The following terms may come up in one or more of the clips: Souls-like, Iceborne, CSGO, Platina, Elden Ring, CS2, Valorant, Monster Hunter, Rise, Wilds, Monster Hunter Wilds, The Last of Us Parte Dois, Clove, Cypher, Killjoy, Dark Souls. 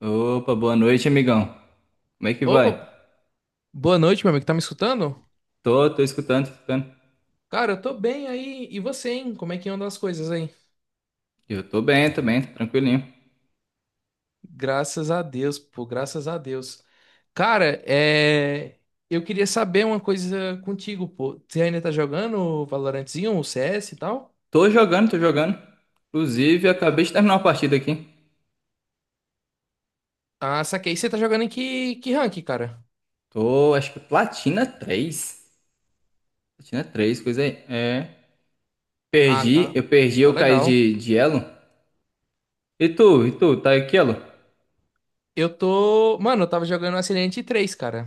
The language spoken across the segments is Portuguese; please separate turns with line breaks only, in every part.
Opa, boa noite, amigão. Como é que vai?
Opa, boa noite, meu amigo. Tá me escutando?
Tô escutando, tô escutando.
Cara, eu tô bem aí. E você, hein? Como é que andam as coisas aí?
Eu tô bem também, tô tranquilinho.
Graças a Deus, pô, graças a Deus. Cara, eu queria saber uma coisa contigo, pô. Você ainda tá jogando o Valorantzinho, o CS e tal?
Tô jogando, tô jogando. Inclusive, acabei de terminar uma partida aqui.
Ah, saquei. Você tá jogando em que rank, cara?
Tô, acho que Platina 3. Platina 3, coisa aí. É.
Ah,
Perdi,
tá.
eu perdi,
Tá
eu caí
legal.
de elo. E tu, tá aqui, elo?
Eu tô. Mano, eu tava jogando Ascendente 3, cara.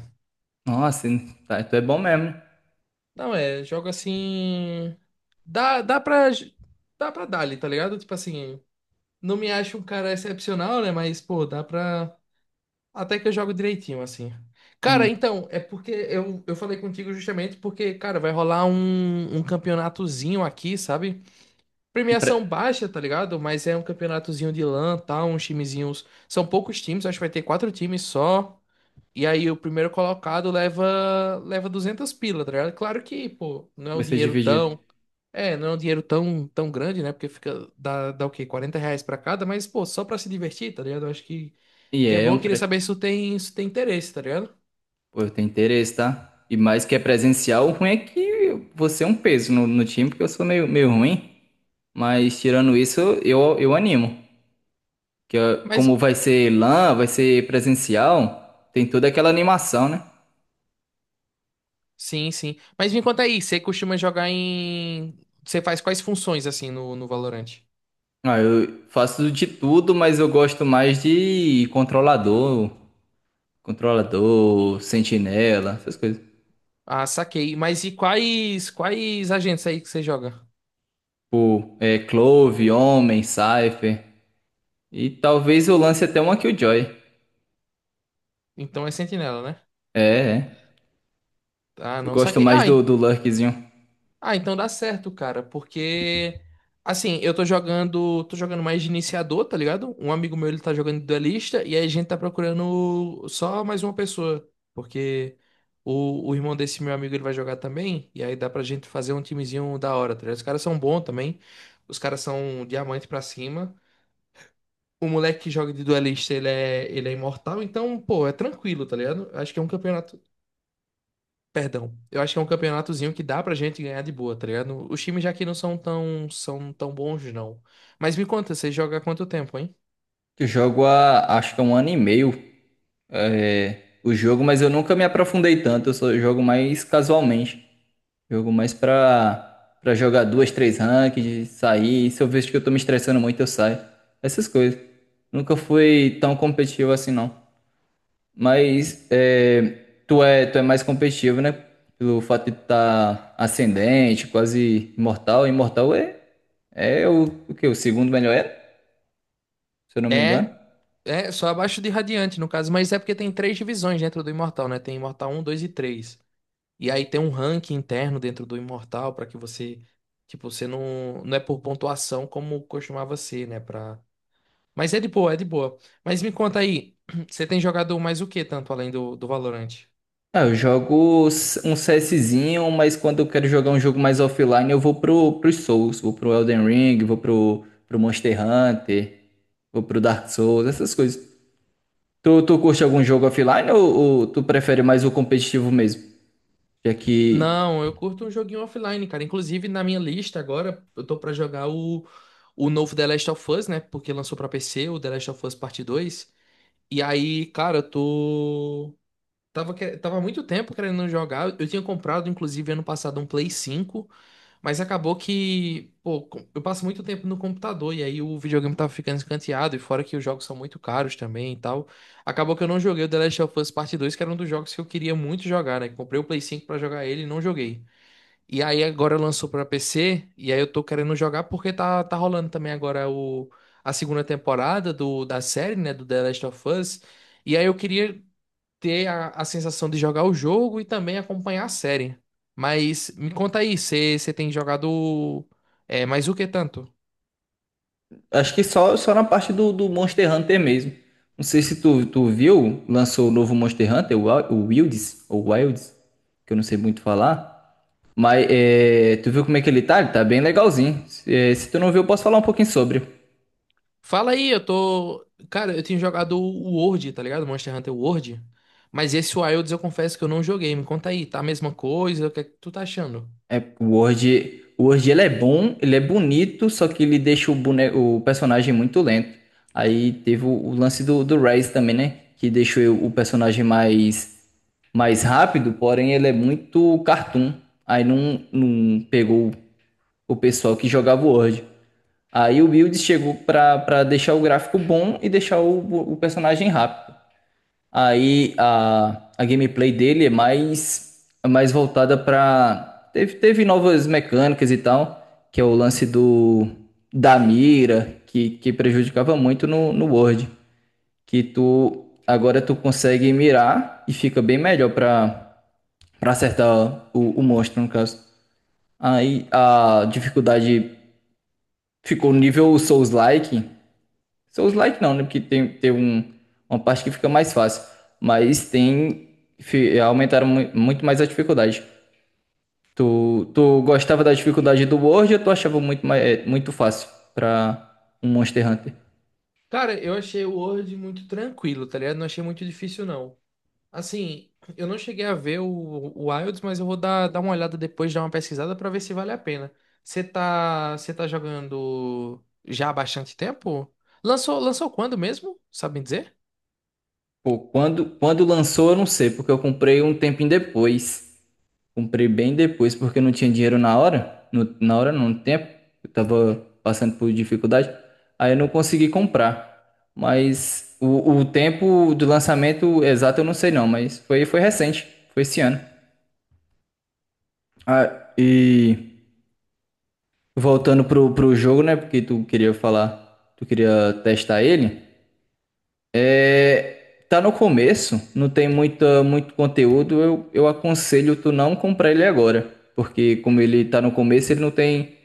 Nossa, tá, tu é bom mesmo, né?
Não, é, jogo assim. Dá, dá pra. Dá pra dar ali, tá ligado? Tipo assim. Não me acho um cara excepcional, né? Mas, pô, dá pra. Até que eu jogo direitinho, assim. Cara,
Hum,
então, é porque eu falei contigo justamente porque, cara, vai rolar um campeonatozinho aqui, sabe?
um pre...
Premiação baixa, tá ligado? Mas é um campeonatozinho de LAN, tal, uns timezinhos. São poucos times, acho que vai ter quatro times só. E aí o primeiro colocado leva 200 pila, tá ligado? Claro que, pô, não é
vai
um
ser
dinheiro
dividido.
tão não é um dinheiro tão grande, né? Porque dá o quê? R$ 40 pra cada, mas, pô, só pra se divertir, tá ligado? Eu acho que,
E
que é
é
bom,
um
eu queria
pre...
saber se tu tem interesse, tá ligado?
Pô, eu tenho interesse, tá? E mais que é presencial, o ruim é que você é um peso no time, porque eu sou meio ruim. Mas tirando isso, eu animo. Que ó, como
Mas,
vai ser LAN, vai ser presencial, tem toda aquela animação, né?
sim, sim. Mas me conta aí, você costuma jogar em. Você faz quais funções, assim, no Valorant?
Ah, eu faço de tudo, mas eu gosto mais de controlador, sentinela, essas coisas.
Ah, saquei. Mas e quais agentes aí que você joga?
Tipo, Clove, Homem, Cypher. E talvez eu lance até uma Killjoy.
Então é sentinela, né?
É, é.
Ah,
Eu
não
gosto
saquei.
mais
Ah,
do Lurkzinho.
Ah, então dá certo, cara, porque assim, eu tô jogando mais de iniciador, tá ligado? Um amigo meu ele tá jogando de duelista e aí a gente tá procurando só mais uma pessoa, porque o irmão desse meu amigo ele vai jogar também e aí dá pra gente fazer um timezinho da hora, tá ligado? Os caras são bons também. Os caras são diamante pra cima. O moleque que joga de duelista, ele é imortal, então, pô, é tranquilo, tá ligado? Acho que é um campeonato. Perdão, eu acho que é um campeonatozinho que dá pra gente ganhar de boa, tá ligado? Os times já que não são tão, são tão bons, não. Mas me conta, você joga há quanto tempo, hein?
Eu jogo há, acho que é um ano e meio, o jogo, mas eu nunca me aprofundei tanto. Eu só jogo mais casualmente. Jogo mais pra jogar duas, três ranked, sair. E se eu vejo que eu tô me estressando muito, eu saio. Essas coisas. Nunca fui tão competitivo assim, não. Mas tu é mais competitivo, né? Pelo fato de tu tá ascendente, quase imortal. Imortal é o quê? O segundo melhor era, se eu não me engano.
É, é só abaixo de Radiante, no caso, mas é porque tem três divisões dentro do Imortal, né? Tem Imortal um, 2 e três. E aí tem um ranking interno dentro do Imortal pra que você, tipo, você não, não é por pontuação como costumava ser, né, para. Mas é de boa, é de boa. Mas me conta aí, você tem jogado mais o que tanto além do Valorant?
Ah, eu jogo um CSzinho, mas quando eu quero jogar um jogo mais offline, eu vou pros Souls, vou pro Elden Ring, vou pro Monster Hunter, vou pro Dark Souls, essas coisas. Tu curte algum jogo offline ou tu prefere mais o competitivo mesmo? Já que
Não, eu curto um joguinho offline, cara. Inclusive, na minha lista agora, eu tô pra jogar o novo The Last of Us, né? Porque lançou pra PC, o The Last of Us Parte Dois. E aí, cara, eu tô. Tava há muito tempo querendo jogar. Eu tinha comprado, inclusive, ano passado, um Play 5. Mas acabou que, pô, eu passo muito tempo no computador e aí o videogame tava ficando escanteado. E fora que os jogos são muito caros também e tal. Acabou que eu não joguei o The Last of Us Parte Dois, que era um dos jogos que eu queria muito jogar, né? Comprei o Play 5 pra jogar ele e não joguei. E aí agora lançou pra PC, e aí eu tô querendo jogar porque tá rolando também agora a segunda temporada da série, né, do The Last of Us. E aí eu queria ter a sensação de jogar o jogo e também acompanhar a série. Mas me conta aí, você tem jogado mais o que tanto?
acho que só na parte do Monster Hunter mesmo. Não sei se tu viu, lançou o novo Monster Hunter, o Wilds, ou Wilds, que eu não sei muito falar. Mas tu viu como é que ele tá? Ele tá bem legalzinho. Se tu não viu, eu posso falar um pouquinho sobre.
Fala aí, eu tô. Cara, eu tenho jogado o World, tá ligado? Monster Hunter World. Mas esse Wilds eu confesso que eu não joguei. Me conta aí, tá a mesma coisa? O que é que tu tá achando?
É, o Word ele é bom, ele é bonito, só que ele deixa o personagem muito lento. Aí teve o lance do Rise também, né? Que deixou o personagem mais rápido, porém ele é muito cartoon. Aí não pegou o pessoal que jogava o Word. Aí o Build chegou pra deixar o gráfico bom e deixar o personagem rápido. Aí a gameplay dele é mais voltada pra. Teve novas mecânicas e tal, que é o lance do da mira, que prejudicava muito no Word. Que tu agora tu consegue mirar e fica bem melhor pra acertar o monstro, no caso. Aí a dificuldade ficou nível Souls-like, Souls like não, né? Porque tem um, uma parte que fica mais fácil. Mas tem. Aumentaram muito mais a dificuldade. Tu gostava da dificuldade do World ou tu achava muito, mais, muito fácil pra um Monster Hunter?
Cara, eu achei o World muito tranquilo, tá ligado? Não achei muito difícil, não. Assim, eu não cheguei a ver o Wilds, mas eu vou dar uma olhada depois, dar uma pesquisada pra ver se vale a pena. Você tá jogando já há bastante tempo? Lançou quando mesmo? Sabem dizer?
Pô, quando lançou, eu não sei, porque eu comprei um tempinho depois. Comprei bem depois porque eu não tinha dinheiro na hora, na hora não, no tempo, eu tava passando por dificuldade, aí eu não consegui comprar. Mas o tempo do lançamento exato eu não sei não, mas foi recente, foi esse ano. Ah, e voltando pro jogo, né, porque tu queria falar, tu queria testar ele. É, tá no começo, não tem muita, muito conteúdo, eu aconselho tu não comprar ele agora, porque como ele tá no começo, ele não tem,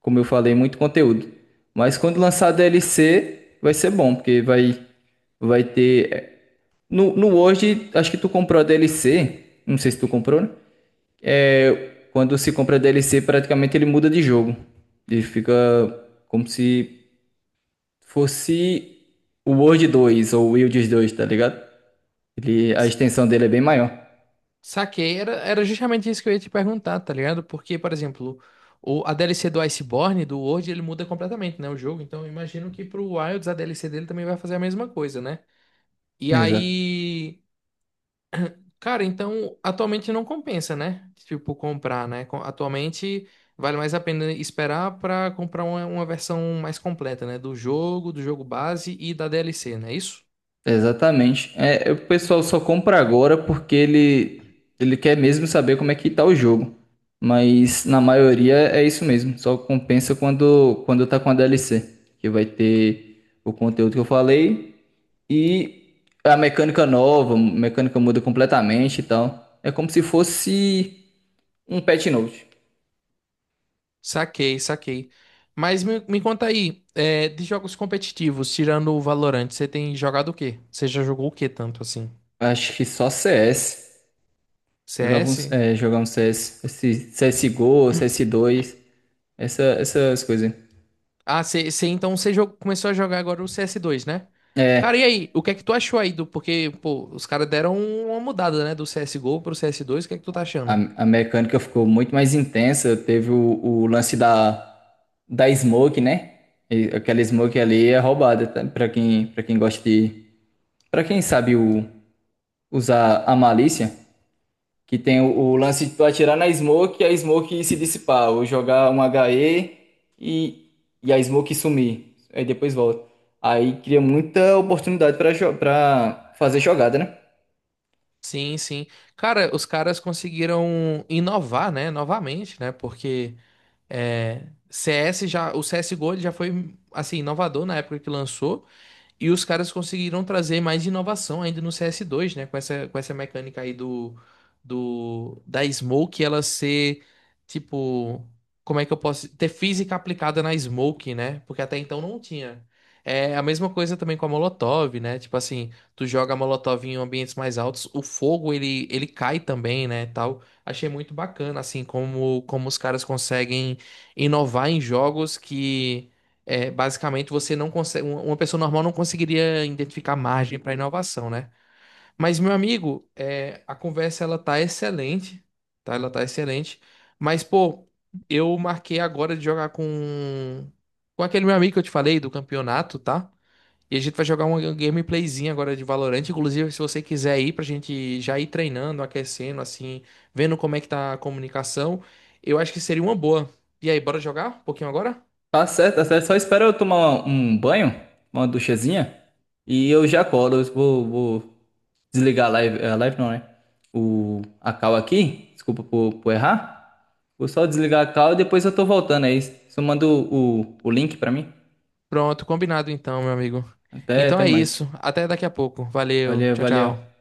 como eu falei, muito conteúdo. Mas quando lançar a DLC, vai ser bom, porque vai ter. No, no Word, acho que tu comprou a DLC. Não sei se tu comprou, né? É, quando se compra a DLC, praticamente ele muda de jogo. Ele fica como se fosse o Word 2 ou o Wilds 2, tá ligado? A
S-
extensão dele é bem maior.
Saquei, era justamente isso que eu ia te perguntar, tá ligado? Porque, por exemplo, a DLC do Iceborne, do World, ele muda completamente, né? O jogo, então eu imagino que pro Wilds a DLC dele também vai fazer a mesma coisa, né? E
Exato.
aí. Cara, então atualmente não compensa, né? Tipo, comprar, né? Atualmente vale mais a pena esperar pra comprar uma versão mais completa, né? Do jogo base e da DLC, não é isso?
Exatamente. É, o pessoal só compra agora porque ele quer mesmo saber como é que tá o jogo. Mas na maioria é isso mesmo. Só compensa quando tá com a DLC. Que vai ter o conteúdo que eu falei e a mecânica nova, a mecânica muda completamente e tal. É como se fosse um patch note.
Saquei, saquei. Mas me conta aí, de jogos competitivos, tirando o Valorant, você tem jogado o quê? Você já jogou o quê tanto assim?
Acho que só CS. Jogava um,
CS?
jogar um CS, esse CSGO, CS2 essa, essas coisas.
Ah, você então você começou a jogar agora o CS2, né? Cara, e
é
aí? O que é que tu achou aí do. Porque, pô, os caras deram uma mudada, né? Do CSGO pro CS2, o que é que tu tá
A,
achando?
a mecânica ficou muito mais intensa. Teve o lance da smoke, né? E aquela smoke ali é roubada, tá? Pra quem gosta de. Pra quem sabe usar a malícia, que tem o lance de tu atirar na smoke e a smoke se dissipar, ou jogar um HE e e a smoke sumir. Aí depois volta. Aí cria muita oportunidade pra fazer jogada, né?
Sim, sim. Cara, os caras conseguiram inovar, né? Novamente, né? Porque CS já. O CSGO ele já foi, assim, inovador na época que lançou. E os caras conseguiram trazer mais inovação ainda no CS2, né? Com essa mecânica aí da Smoke, ela ser, tipo, como é que eu posso. Ter física aplicada na Smoke, né? Porque até então não tinha. É a mesma coisa também com a Molotov, né? Tipo assim, tu joga a Molotov em ambientes mais altos, o fogo, ele cai também, né? Tal. Achei muito bacana, assim, como os caras conseguem inovar em jogos que é, basicamente, você não consegue, uma pessoa normal não conseguiria identificar margem para inovação, né? Mas, meu amigo, a conversa ela tá excelente, tá? Ela tá excelente. Mas, pô, eu marquei agora de jogar com aquele meu amigo que eu te falei do campeonato, tá? E a gente vai jogar uma gameplayzinha agora de Valorant. Inclusive, se você quiser ir pra gente já ir treinando, aquecendo, assim, vendo como é que tá a comunicação, eu acho que seria uma boa. E aí, bora jogar um pouquinho agora?
Tá certo, tá certo. Só espera eu tomar um banho, uma duchazinha, e eu já colo. Eu vou desligar a live não, né? O, a call aqui. Desculpa por errar. Vou só desligar a call e depois eu tô voltando aí. Só manda o link pra mim.
Pronto, combinado então, meu amigo.
Até,
Então
até
é
mais.
isso. Até daqui a pouco. Valeu.
Valeu,
Tchau,
valeu.
tchau.